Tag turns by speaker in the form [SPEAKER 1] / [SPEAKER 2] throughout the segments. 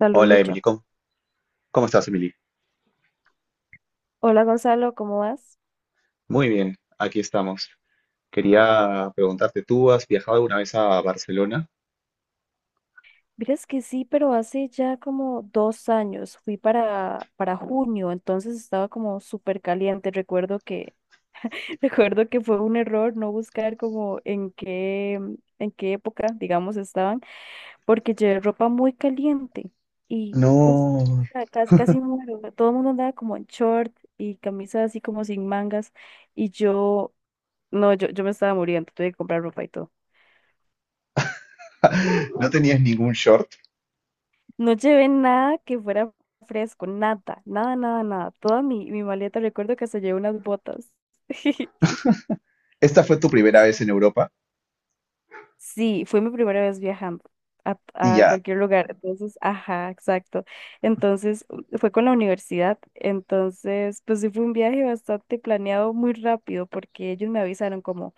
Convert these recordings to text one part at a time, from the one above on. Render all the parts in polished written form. [SPEAKER 1] Saludo
[SPEAKER 2] Hola Emily,
[SPEAKER 1] yo.
[SPEAKER 2] ¿cómo estás Emily?
[SPEAKER 1] Hola Gonzalo, ¿cómo vas?
[SPEAKER 2] Muy bien, aquí estamos. Quería preguntarte, ¿tú has viajado alguna vez a Barcelona?
[SPEAKER 1] Miras que sí, pero hace ya como dos años, fui para junio, entonces estaba como súper caliente. Recuerdo que, recuerdo que fue un error no buscar como en qué época, digamos, estaban, porque llevé ropa muy caliente y uf,
[SPEAKER 2] No,
[SPEAKER 1] casi, casi muero. Todo el mundo andaba como en short y camisas así como sin mangas y yo, no, yo me estaba muriendo, tuve que comprar ropa y todo.
[SPEAKER 2] no tenías ningún short.
[SPEAKER 1] No llevé nada que fuera fresco, nada, nada, nada, nada. Toda mi maleta, recuerdo que se llevé unas botas.
[SPEAKER 2] Esta fue tu primera vez en Europa
[SPEAKER 1] Sí, fue mi primera vez viajando a,
[SPEAKER 2] y
[SPEAKER 1] a
[SPEAKER 2] ya.
[SPEAKER 1] cualquier lugar. Entonces, ajá, exacto. Entonces, fue con la universidad. Entonces, pues sí fue un viaje bastante planeado muy rápido porque ellos me avisaron como,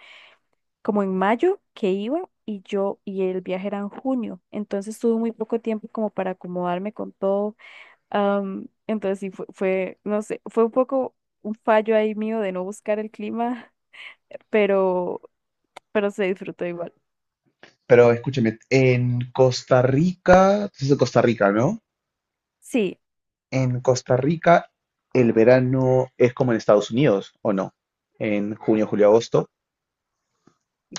[SPEAKER 1] como en mayo que iba y yo y el viaje era en junio. Entonces, tuve muy poco tiempo como para acomodarme con todo. Entonces sí, fue, no sé, fue un poco un fallo ahí mío de no buscar el clima, pero, pero se disfrutó igual.
[SPEAKER 2] Pero escúchame, en Costa Rica, tú estás en Costa Rica, ¿no?
[SPEAKER 1] Sí,
[SPEAKER 2] En Costa Rica el verano es como en Estados Unidos, ¿o no? En junio, julio, agosto.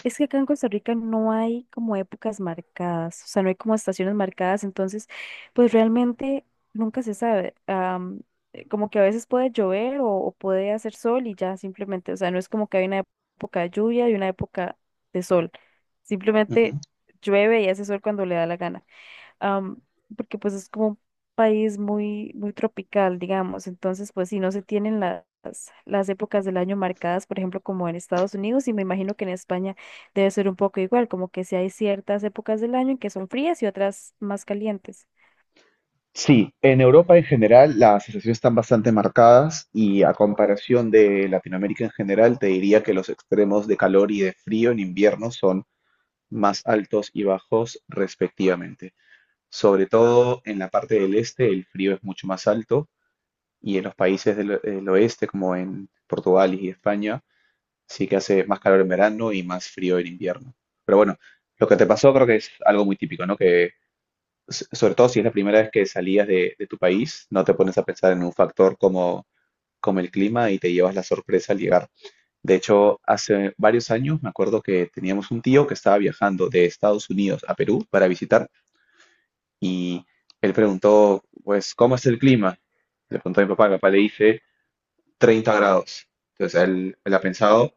[SPEAKER 1] es que acá en Costa Rica no hay como épocas marcadas, o sea, no hay como estaciones marcadas, entonces, pues realmente nunca se sabe. Como que a veces puede llover o puede hacer sol y ya simplemente, o sea, no es como que hay una época de lluvia y una época de sol, simplemente llueve y hace sol cuando le da la gana. am, Porque pues es como un país muy, muy tropical, digamos. Entonces, pues si no se tienen las épocas del año marcadas, por ejemplo, como en Estados Unidos, y me imagino que en España debe ser un poco igual, como que si hay ciertas épocas del año en que son frías y otras más calientes.
[SPEAKER 2] Sí, en Europa en general las sensaciones están bastante marcadas y a comparación de Latinoamérica en general, te diría que los extremos de calor y de frío en invierno son más altos y bajos respectivamente. Sobre todo en la parte del este el frío es mucho más alto y en los países del oeste como en Portugal y España sí que hace más calor en verano y más frío en invierno. Pero bueno, lo que te pasó creo que es algo muy típico, ¿no? Que sobre todo si es la primera vez que salías de tu país, no te pones a pensar en un factor como el clima y te llevas la sorpresa al llegar. De hecho, hace varios años me acuerdo que teníamos un tío que estaba viajando de Estados Unidos a Perú para visitar y él preguntó, pues, ¿cómo es el clima? Le preguntó a mi papá le dice 30 grados. Entonces él ha pensado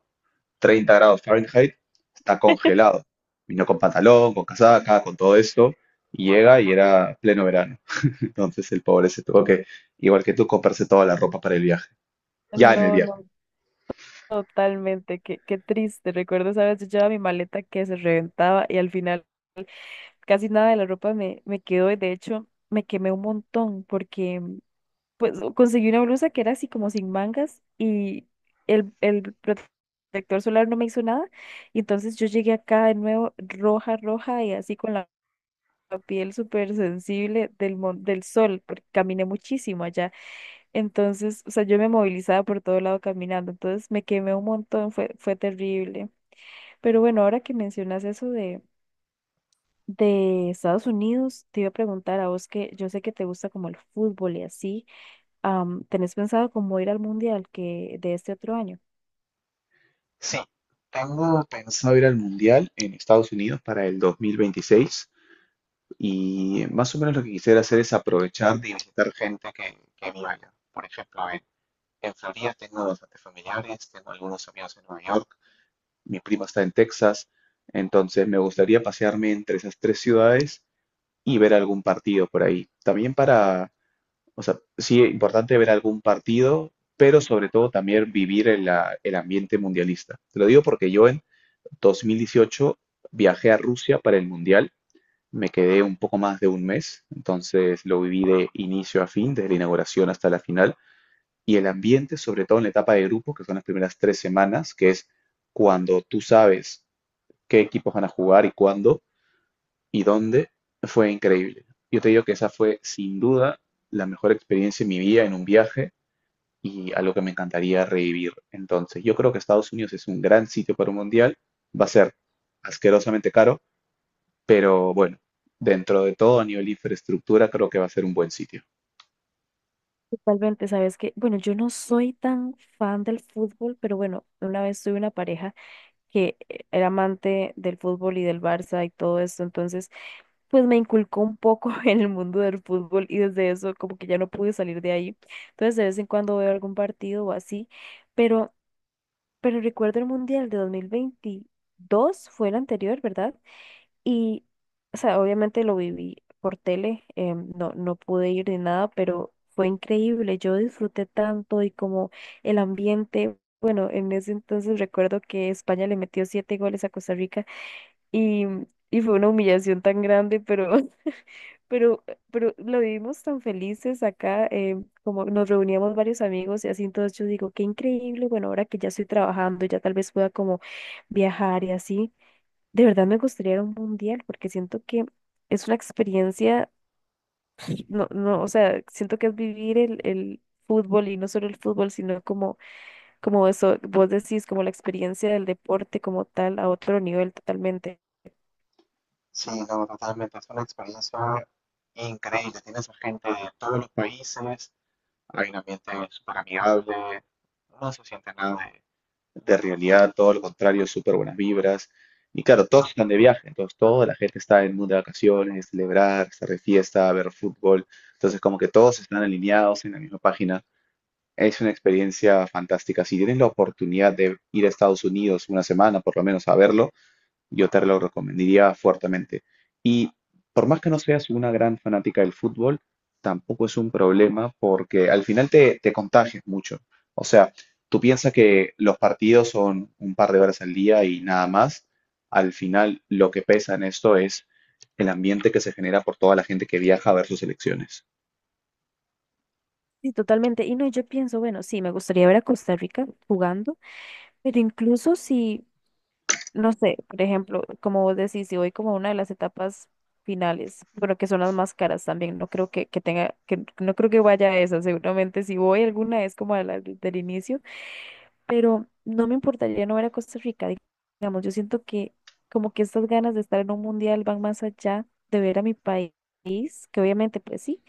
[SPEAKER 2] 30 grados Fahrenheit, está congelado. Vino con pantalón, con casaca, con todo esto, y llega y era pleno verano. Entonces el pobre se tuvo que, igual que tú, comprarse toda la ropa para el viaje. Ya en el
[SPEAKER 1] No,
[SPEAKER 2] viaje.
[SPEAKER 1] no, totalmente, qué triste. Recuerdo, esa vez yo llevaba mi maleta que se reventaba y al final casi nada de la ropa me quedó y de hecho me quemé un montón porque pues conseguí una blusa que era así como sin mangas y el protector solar no me hizo nada. Y entonces yo llegué acá de nuevo roja, roja y así con la piel súper sensible del sol, porque caminé muchísimo allá. Entonces, o sea, yo me movilizaba por todo lado caminando, entonces me quemé un montón, fue terrible. Pero bueno, ahora que mencionas eso de Estados Unidos, te iba a preguntar a vos que yo sé que te gusta como el fútbol y así, ¿tenés pensado cómo ir al mundial que de este otro año?
[SPEAKER 2] Tengo pensado ir al Mundial en Estados Unidos para el 2026 y más o menos lo que quisiera hacer es aprovechar de visitar gente que viva allá. Por ejemplo, mi prima está en Texas, entonces me gustaría pasearme entre esas tres ciudades y ver algún partido por ahí. También para, o sea, sí, es importante ver algún partido, pero sobre todo también vivir el, el ambiente mundialista. Te lo digo porque yo en 2018 viajé a Rusia para el Mundial, me quedé un poco más de un mes, entonces lo viví de inicio a fin, desde la inauguración hasta la final, y el ambiente, sobre todo en la etapa de grupo, que son las primeras tres semanas, que es cuando tú sabes qué equipos van a jugar y cuándo y dónde, fue increíble. Yo te digo que esa fue sin duda la mejor experiencia en mi vida en un viaje y algo que me encantaría revivir. Entonces, yo creo que Estados Unidos es un gran sitio para un mundial, va a ser asquerosamente caro, pero bueno, dentro de todo, a nivel de infraestructura, creo que va a ser un buen sitio.
[SPEAKER 1] Totalmente, sabes que, bueno, yo no soy tan fan del fútbol, pero bueno, una vez tuve una pareja que era amante del fútbol y del Barça y todo esto, entonces pues me inculcó un poco en el mundo del fútbol y desde eso como que ya no pude salir de ahí. Entonces de vez en cuando veo algún partido o así, pero recuerdo el Mundial de 2022, fue el anterior, ¿verdad? Y, o sea, obviamente lo viví por tele, no, no pude ir ni nada, pero fue increíble. Yo disfruté tanto y como el ambiente. Bueno, en ese entonces recuerdo que España le metió siete goles a Costa Rica y, y fue una humillación tan grande, pero, pero, pero lo vivimos tan felices acá, como nos reuníamos varios amigos y así, entonces yo digo, qué increíble, bueno, ahora que ya estoy trabajando, ya tal vez pueda como viajar y así de verdad me gustaría ir a un mundial porque siento que es una experiencia, no, no, o sea, siento que es vivir el fútbol y no solo el fútbol, sino como, como eso, vos decís, como la experiencia del deporte como tal a otro nivel totalmente.
[SPEAKER 2] De realidad, todo lo contrario, súper buenas vibras. Y claro, todos están de viaje, entonces toda la gente está en el mundo de vacaciones, celebrar, estar de fiesta, ver fútbol. Entonces, como que todos están alineados en la misma página. Es una experiencia fantástica. Si tienes la oportunidad de ir a Estados Unidos una semana, por lo menos, a verlo, yo te lo recomendaría fuertemente. Y por más que no seas una gran fanática del fútbol, tampoco es un problema porque al final te contagias mucho. O sea, tú piensas que los partidos son un par de horas al día y nada más. Al final lo que pesa en esto es el ambiente que se genera por toda la gente que viaja a ver sus elecciones.
[SPEAKER 1] Sí, totalmente. Y no, yo pienso, bueno, sí, me gustaría ver a Costa Rica jugando, pero incluso si no sé, por ejemplo, como vos decís, si voy como a una de las etapas finales, bueno, que son las más caras también, no creo que tenga, que no creo que vaya a esa, seguramente si voy alguna es como a la del inicio, pero no me importaría no ver a Costa Rica, digamos, yo siento que como que estas ganas de estar en un mundial van más allá de ver a mi país. Que obviamente pues sí,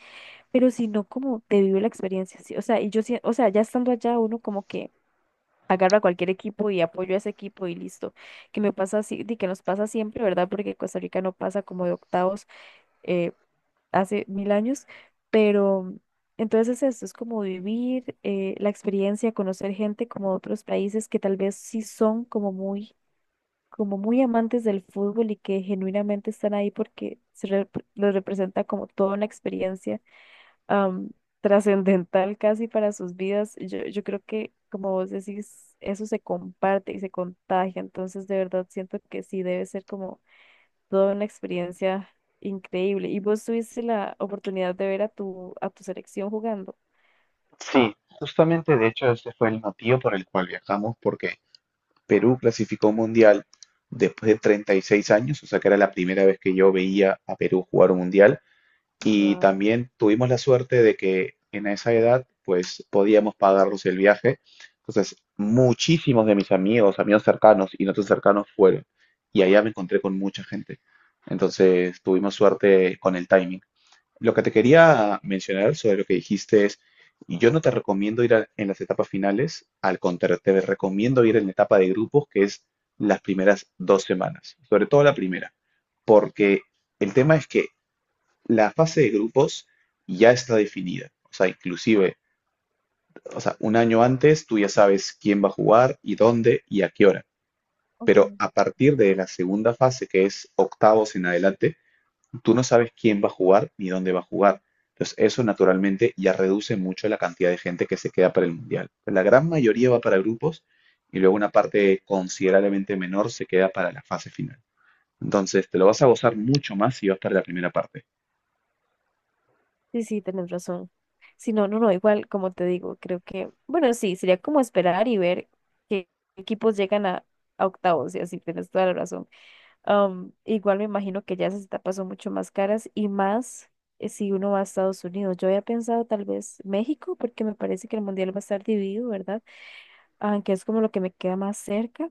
[SPEAKER 1] pero sino como de vivir la experiencia, sí, o sea, o sea, ya estando allá uno como que agarro a cualquier equipo y apoyo a ese equipo y listo. Que me pasa así, de que nos pasa siempre, ¿verdad? Porque Costa Rica no pasa como de octavos eh, hace mil años, pero entonces esto es como vivir la experiencia, conocer gente como de otros países que tal vez sí son como muy amantes del fútbol y que genuinamente están ahí porque lo representa como toda una experiencia am, trascendental casi para sus vidas. Yo creo que, como vos decís, eso se comparte y se contagia. Entonces, de verdad, siento que sí debe ser como toda una experiencia increíble. Y vos tuviste la oportunidad de ver a tu selección jugando.
[SPEAKER 2] Sí, justamente de hecho ese fue el motivo por el cual viajamos, porque Perú clasificó un mundial después de 36 años, o sea que era la primera vez que yo veía a Perú jugar un mundial. Y
[SPEAKER 1] Wow.
[SPEAKER 2] también tuvimos la suerte de que en esa edad, pues podíamos pagarnos el viaje. Entonces, muchísimos de mis amigos, amigos cercanos y no tan cercanos fueron. Y allá me encontré con mucha gente. Entonces, tuvimos suerte con el timing. Lo que te quería mencionar sobre lo que dijiste es, yo no te recomiendo ir en las etapas finales, al contrario, te recomiendo ir en la etapa de grupos, que es las primeras dos semanas, sobre todo la primera, porque el tema es que la fase de grupos ya está definida, o sea, inclusive, o sea, un año antes tú ya sabes quién va a jugar y dónde y a qué hora, pero
[SPEAKER 1] Okay.
[SPEAKER 2] a partir de la segunda fase, que es octavos en adelante, tú no sabes quién va a jugar ni dónde va a jugar. Entonces, eso naturalmente ya reduce mucho la cantidad de gente que se queda para el mundial. Pues, la gran mayoría va para grupos y luego una parte considerablemente menor se queda para la fase final. Entonces, te lo vas a gozar mucho más si vas para la primera parte.
[SPEAKER 1] Sí, sí, tenés razón. Sí, no, no, no, igual, como te digo, creo que, bueno, sí, sería como esperar y ver qué equipos llegan a octavos, y así, tienes toda la razón. Um, igual me imagino que ya esas etapas son mucho más caras y más si uno va a Estados Unidos. Yo había pensado tal vez México, porque me parece que el mundial va a estar dividido, ¿verdad? Aunque es como lo que me queda más cerca,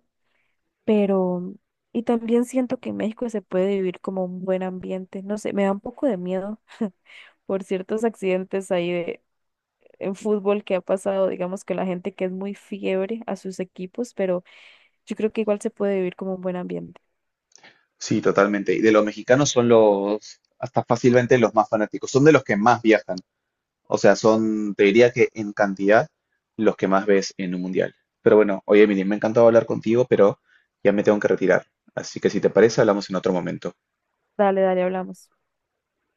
[SPEAKER 1] pero... Y también siento que en México se puede vivir como un buen ambiente. No sé, me da un poco de miedo por ciertos accidentes ahí de, en fútbol que ha pasado, digamos, que la gente que es muy fiebre a sus equipos, pero yo creo que igual se puede vivir como un buen ambiente.
[SPEAKER 2] Sí, totalmente. Y de los mexicanos son los, hasta fácilmente los más fanáticos. Son de los que más viajan. O sea, son, te diría que en cantidad los que más ves en un mundial. Pero bueno, oye, Emily, me ha encantado hablar contigo, pero ya me tengo que retirar. Así que si te parece, hablamos en otro momento.
[SPEAKER 1] Dale, dale, hablamos.